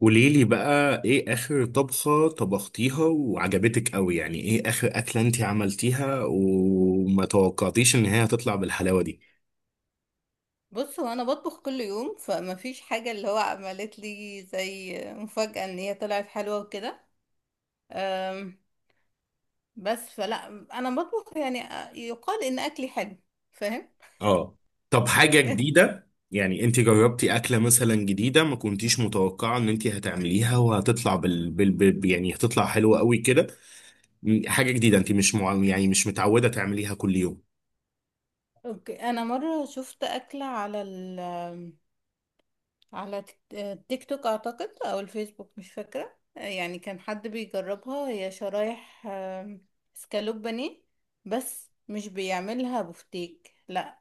قوليلي بقى ايه اخر طبخة طبختيها وعجبتك قوي؟ يعني ايه اخر اكلة انتي عملتيها وما توقعتيش ان هي هتطلع بالحلاوة دي؟ بص، هو انا بطبخ كل يوم فما فيش حاجه اللي هو عملت لي زي مفاجاه ان هي طلعت حلوه وكده. أم، بس فلا. انا بطبخ يعني يقال ان اكلي حلو. فاهم؟ اه. طب حاجة يعني جديدة، يعني انتي جربتي اكلة مثلا جديدة ما كنتيش متوقعة ان انتي هتعمليها وهتطلع يعني هتطلع حلوة قوي كده؟ حاجة جديدة انتي مش يعني مش متعودة تعمليها كل يوم. اوكي، انا مره شفت اكله على ال آمم، على تيك توك اعتقد او الفيسبوك، مش فاكره. يعني كان حد بيجربها، هي شرايح اسكالوب بانيه. بس مش بيعملها بفتيك، لا،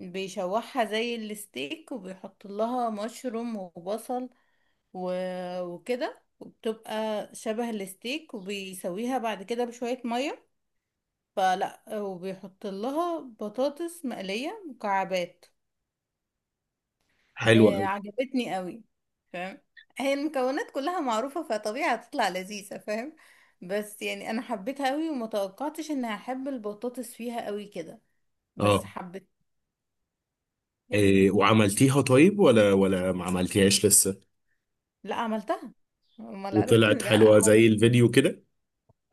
بيشوحها زي الستيك وبيحط لها مشروم وبصل و... وكده. وبتبقى شبه الستيك، وبيسويها بعد كده بشوية مية فلا، وبيحط لها بطاطس مقلية مكعبات. حلوة آه قوي. عجبتني قوي. فاهم؟ هي المكونات كلها معروفة فطبيعي هتطلع لذيذة. فاهم؟ بس يعني انا حبيتها قوي، وما توقعتش اني هحب البطاطس فيها قوي كده. بس اه. حبيت إيه، يعني. وعملتيها طيب ولا ما عملتيهاش لسه؟ لا، عملتها. امال؟ عرفت وطلعت إن لا. حلوة زي الفيديو كده؟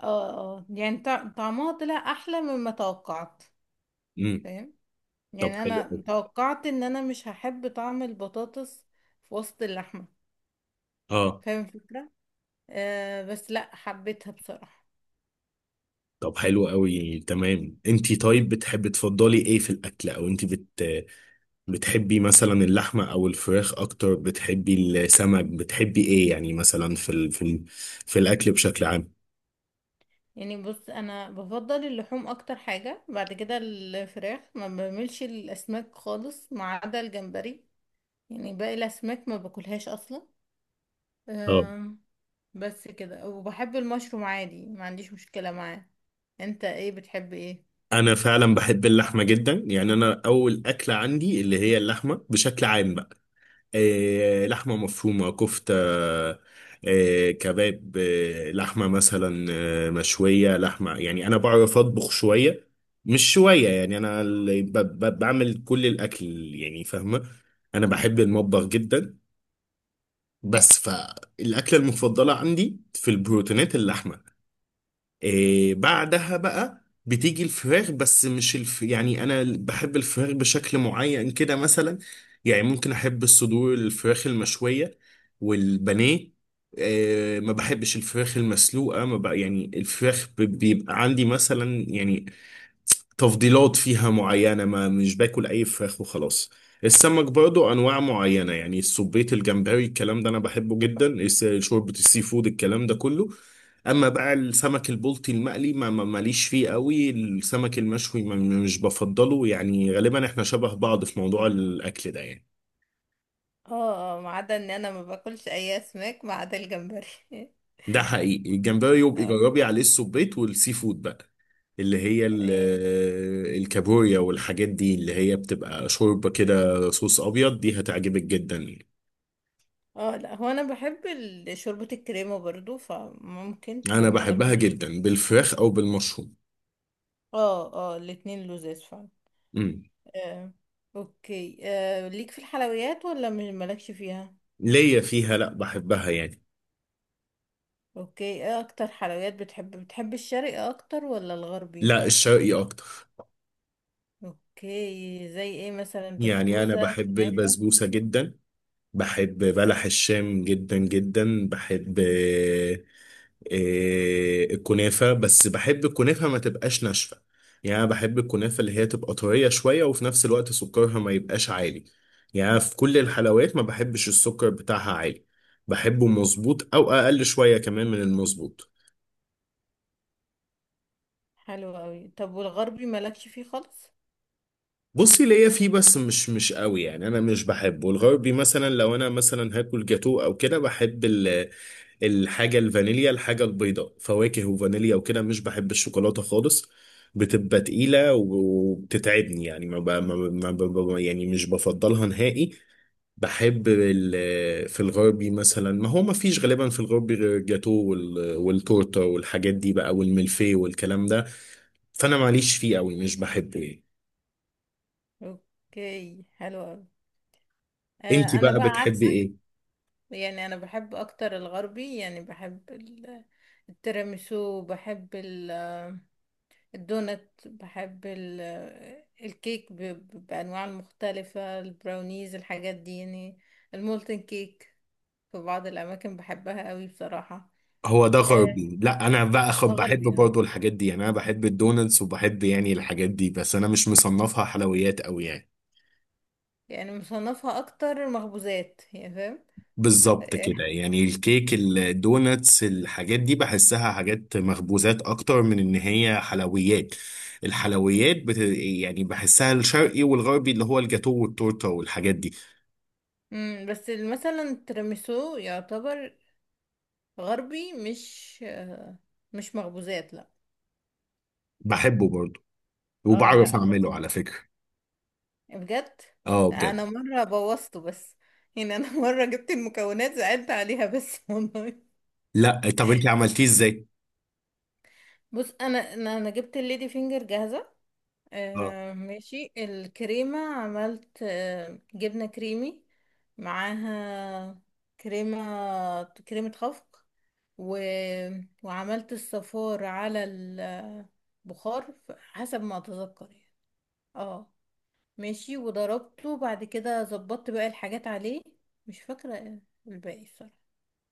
اه اه، يعني طعمها طلع احلى مما توقعت. فاهم؟ طب يعني حلو انا أوي. توقعت ان انا مش هحب طعم البطاطس في وسط اللحمه. اه. فاهم الفكره؟ آه بس لا، حبيتها بصراحه. طب حلو قوي، تمام. انتي طيب بتحبي تفضلي ايه في الاكل؟ او انتي بتحبي مثلا اللحمه او الفراخ اكتر؟ بتحبي السمك؟ بتحبي ايه يعني مثلا في في الاكل بشكل عام؟ يعني بص، انا بفضل اللحوم اكتر حاجه، بعد كده الفراخ. ما بعملش الاسماك خالص ما عدا الجمبري. يعني باقي الاسماك ما باكلهاش اصلا. اه. آم، بس كده. وبحب المشروم عادي، ما عنديش مشكله معاه. انت ايه؟ بتحب ايه؟ انا فعلا بحب اللحمه جدا، يعني انا اول اكله عندي اللي هي اللحمه بشكل عام بقى. لحمة مفرومة، كفتة، كباب، لحمة مثلا، مشوية، لحمة يعني. أنا بعرف أطبخ شوية، مش شوية، يعني أنا بعمل كل الأكل يعني، فاهمة؟ أنا بحب المطبخ جدا. بس فالأكلة المفضلة عندي في البروتينات اللحمة. إيه بعدها بقى بتيجي الفراخ، بس مش يعني انا بحب الفراخ بشكل معين كده مثلا. يعني ممكن احب الصدور، الفراخ المشوية والبانيه. إيه، ما بحبش الفراخ المسلوقة. ما بقى يعني الفراخ بيبقى عندي مثلا يعني تفضيلات فيها معينة، ما مش باكل أي فراخ وخلاص. السمك برضو أنواع معينة، يعني السبيط، الجمبري، الكلام ده أنا بحبه جدا. شوربة السي فود الكلام ده كله. أما بقى السمك البلطي المقلي ماليش فيه قوي. السمك المشوي ما مش بفضله. يعني غالبا إحنا شبه بعض في موضوع الأكل ده يعني. اه اه، ما عدا ان انا ما باكلش اي اسماك ما عدا الجمبري. ده حقيقي. الجمبري يبقى اه جربي عليه السبيط والسي فود بقى، اللي هي يعني. الكابوريا والحاجات دي، اللي هي بتبقى شوربة كده صوص أبيض، دي هتعجبك جدا يعني. اه لا، هو انا بحب ال- شوربة الكريمة برضو، فممكن أنا بحبها اميل ليها جدا يعني. بالفراخ أو بالمشروم. اه اه، الاتنين لذيذ فعلا. امم. آه. اوكي آه. ليك في الحلويات ولا مالكش فيها؟ ليا فيها، لأ بحبها يعني. اوكي، ايه اكتر حلويات بتحب؟ بتحب الشرقي اكتر ولا الغربي؟ لأ، الشرقي أكتر. اوكي، زي ايه مثلا؟ يعني أنا بسبوسة، بحب كنافة؟ البسبوسة جدا، بحب بلح الشام جدا جدا، بحب الكنافة. بس بحب الكنافة ما تبقاش ناشفة، يعني أنا بحب الكنافة اللي هي تبقى طرية شوية، وفي نفس الوقت سكرها ما يبقاش عالي. يعني في كل الحلويات ما بحبش السكر بتاعها عالي، بحبه مظبوط أو أقل شوية كمان من المظبوط. حلو قوي. طب والغربي مالكش فيه خالص؟ بصي، ليا فيه بس مش قوي. يعني انا مش بحبه الغربي. مثلا لو انا مثلا هاكل جاتوه او كده، بحب الحاجة الفانيليا، الحاجة البيضاء، فواكه وفانيليا وكده. مش بحب الشوكولاتة خالص، بتبقى تقيلة وبتتعبني. يعني ما, ب... ما, ب... ما ب... ما- يعني مش بفضلها نهائي. بحب في الغربي مثلا، ما هو ما فيش غالبا في الغربي غير الجاتو والتورتة والحاجات دي بقى، والملفيه والكلام ده. فأنا ماليش فيه قوي، مش بحبه يعني. اوكي حلو أوي. انتي آه، انا بقى بقى بتحبي عكسك. ايه؟ يعني انا بحب اكتر الغربي، يعني بحب ال- التيراميسو، بحب ال- الدونت، بحب ال- الكيك بانواع المختلفة، البراونيز، الحاجات دي يعني. المولتن كيك في بعض الاماكن بحبها قوي بصراحة. هو ده آه، غربي؟ لا انا بقى بحب غربي يعني. برضو الحاجات دي. يعني انا بحب الدونتس وبحب يعني الحاجات دي، بس انا مش مصنفها حلويات قوي يعني. يعني مصنفها اكتر مخبوزات، يعني فاهم. بالظبط كده. يعني الكيك، الدونتس، الحاجات دي بحسها حاجات مخبوزات اكتر من ان هي حلويات. الحلويات يعني بحسها الشرقي والغربي، اللي هو الجاتو والتورته والحاجات دي. بس مثلا التيراميسو يعتبر غربي، مش مش مخبوزات، لا. بحبه برضو، اه وبعرف لا، اعمله لطيف على فكرة. بجد. اه انا بجد. مره بوظته بس. يعني انا مره جبت المكونات، زعلت عليها بس والله. لا، طب انت عملتيه ازاي؟ بص انا انا أنا جبت الليدي فينجر جاهزه. اه آه ماشي، الكريمه عملت جبنه كريمي معاها، كريمه خفق و... وعملت الصفار على البخار، حسب ما اتذكر يعني. اه ماشي، وضربته بعد كده، ظبطت بقى الحاجات عليه. مش فاكرة الباقي الصراحة،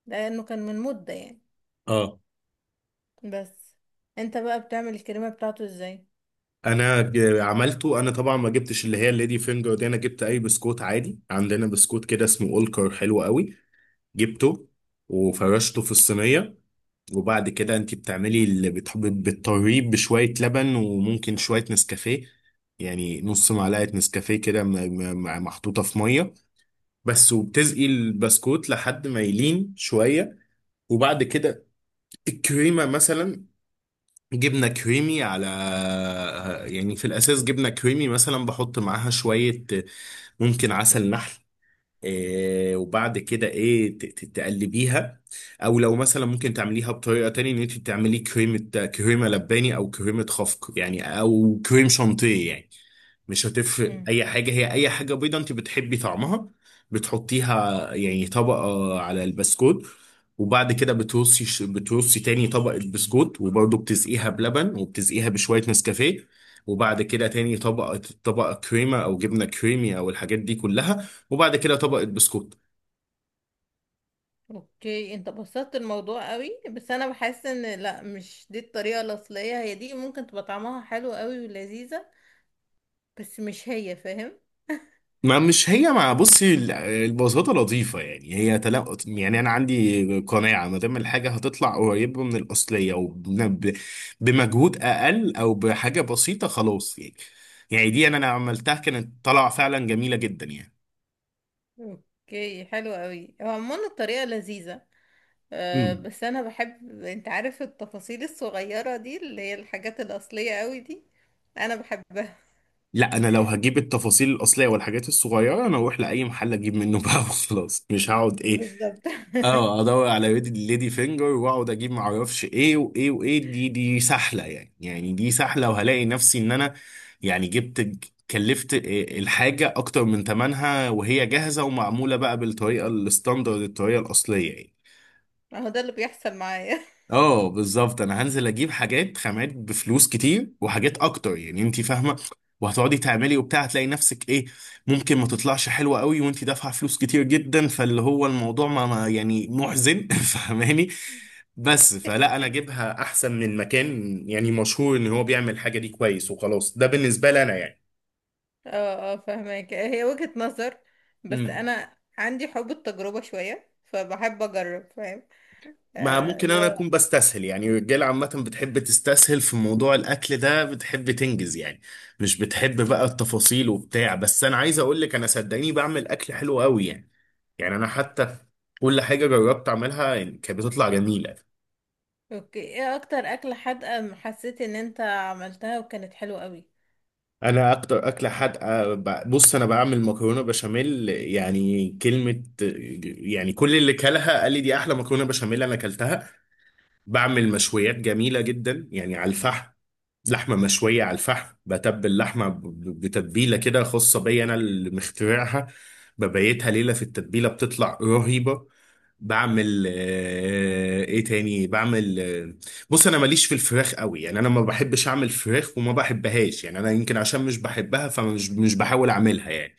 لأنه كان من مدة يعني. اه. بس انت بقى، بتعمل الكريمة بتاعته ازاي؟ انا عملته. انا طبعا ما جبتش اللي هي الليدي فينجر دي، انا جبت اي بسكوت عادي. عندنا بسكوت كده اسمه اولكر حلو قوي، جبته وفرشته في الصينيه. وبعد كده انت بتعملي اللي بتحبي، بتطريه بشويه لبن وممكن شويه نسكافيه. يعني نص معلقه نسكافيه كده محطوطه في ميه بس، وبتسقي البسكوت لحد ما يلين شويه. وبعد كده الكريمه مثلا، جبنة كريمي على، يعني في الأساس جبنة كريمي، مثلا بحط معاها شوية ممكن عسل نحل. إيه، وبعد كده إيه تقلبيها. أو لو مثلا ممكن تعمليها بطريقة تانية، إن أنت تعملي كريمة، لباني أو كريمة خفق يعني، أو كريم شانتيه يعني. مش هتفرق مم. اي حاجه، هي اي حاجه بيضه انت بتحبي طعمها، بتحطيها يعني طبقه على البسكوت. وبعد كده بترصي، تاني طبقه بسكوت، وبرضه بتسقيها بلبن وبتسقيها بشويه نسكافيه. وبعد كده تاني طبقه، طبقه كريمه او جبنه كريمي او الحاجات دي كلها، وبعد كده طبقه بسكوت. اوكي، انت بسطت الموضوع قوي، بس انا بحس ان لا، مش دي الطريقة الأصلية. هي دي ممكن تبقى طعمها حلو قوي ولذيذة، بس مش هي فاهم. ما مش هي. مع بصي، البساطة لطيفة. يعني هي تلا، يعني أنا عندي قناعة ما دام الحاجة هتطلع قريبة من الأصلية، وبمجهود أقل أو بحاجة بسيطة، خلاص يعني. يعني دي أنا عملتها كانت طالعة فعلا جميلة جدا. اوكي حلو قوي، هو عموما الطريقة لذيذة. أه يعني بس انا بحب، انت عارف، التفاصيل الصغيرة دي اللي هي الحاجات الأصلية قوي دي. انا بحبها. لا، انا لو هجيب التفاصيل الاصليه والحاجات الصغيره، انا اروح لاي محل اجيب منه بقى وخلاص. مش هقعد ايه، بالظبط. اه ادور على ليدي فينجر واقعد اجيب ما اعرفش ايه وايه وايه، دي سهله يعني. يعني دي سهله، وهلاقي نفسي ان انا يعني جبت، كلفت الحاجه اكتر من ثمنها وهي جاهزه ومعموله بقى بالطريقه الستاندرد، الطريقه الاصليه يعني. هو ده اللي بيحصل معايا. اه بالظبط. انا هنزل اجيب حاجات خامات بفلوس كتير وحاجات اكتر. يعني انت فاهمه، وهتقعدي تعملي وبتاع هتلاقي نفسك ايه. ممكن ما تطلعش حلوه قوي وانت دافعه فلوس كتير جدا. فاللي هو الموضوع يعني محزن فاهماني؟ بس فلا، انا اجيبها احسن من مكان يعني مشهور ان هو بيعمل الحاجه دي كويس وخلاص. ده بالنسبه لي انا اه اه، فاهمك، هي وجهة نظر. بس يعني. انا عندي حب التجربة شوية، فبحب اجرب فاهم. ما آه ممكن اللي انا هو اكون بستسهل يعني. الرجاله عامه بتحب تستسهل في موضوع الاكل ده، بتحب تنجز يعني، مش بتحب بقى التفاصيل وبتاع. بس انا عايز اقول لك، انا صدقيني بعمل اكل حلو قوي يعني. يعني انا حتى كل حاجه جربت اعملها يعني كانت بتطلع جميله. اوكي، ايه اكتر اكلة حادقة حسيت ان انت عملتها وكانت حلوة قوي؟ انا اكتر اكله حادقه، بص انا بعمل مكرونه بشاميل. يعني كلمه، يعني كل اللي كلها قال لي دي احلى مكرونه بشاميل انا اكلتها. بعمل مشويات جميله جدا يعني على الفحم. لحمة مشوية على الفحم، بتبل لحمة بتتبيلة كده خاصة بيا أنا اللي مخترعها، ببيتها ليلة في التتبيلة بتطلع رهيبة. بعمل ايه تاني، بعمل بص انا ماليش في الفراخ قوي. يعني انا ما بحبش اعمل فراخ وما بحبهاش. يعني انا يمكن عشان مش بحبها، فمش مش بحاول اعملها يعني.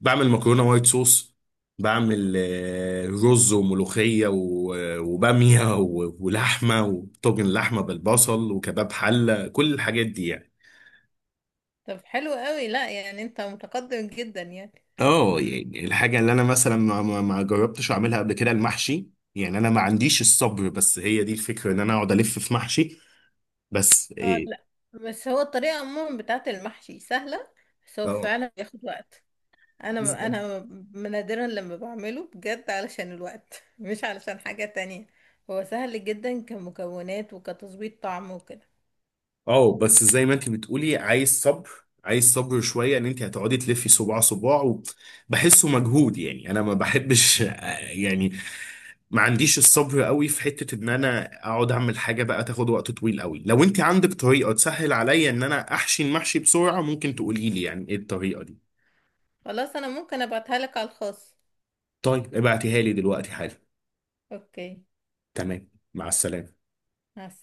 بعمل مكرونة وايت صوص، بعمل رز وملوخية وبامية ولحمة وطاجن لحمة بالبصل وكباب حلة، كل الحاجات دي يعني. طب حلو قوي، لا يعني انت متقدم جدا يعني. اه. يعني الحاجة اللي انا مثلا ما جربتش اعملها قبل كده، المحشي. يعني انا ما عنديش الصبر، بس هي دي الفكرة ان انا اقعد الف في محشي. بس اه ايه. لا، بس هو الطريقة عموما بتاعت المحشي سهلة، بس هو فعلا بياخد وقت. انا اه انا نادرا لما بعمله بجد علشان الوقت مش علشان حاجة تانية. هو سهل جدا كمكونات وكتظبيط طعم وكده. اه. بس زي ما انت بتقولي، عايز صبر، عايز صبر شويه، ان انت هتقعدي تلفي صباع صباع. وبحسه مجهود، يعني انا ما بحبش يعني. ما عنديش الصبر قوي في حته ان انا اقعد اعمل حاجه بقى تاخد وقت طويل قوي. لو انت عندك طريقه تسهل عليا ان انا احشي المحشي بسرعه، ممكن تقولي لي يعني ايه الطريقه دي. خلاص، انا ممكن ابعتها لك على الخاص. طيب ابعتيها لي دلوقتي حالا. اوكي. تمام. مع السلامه. مع السلامة.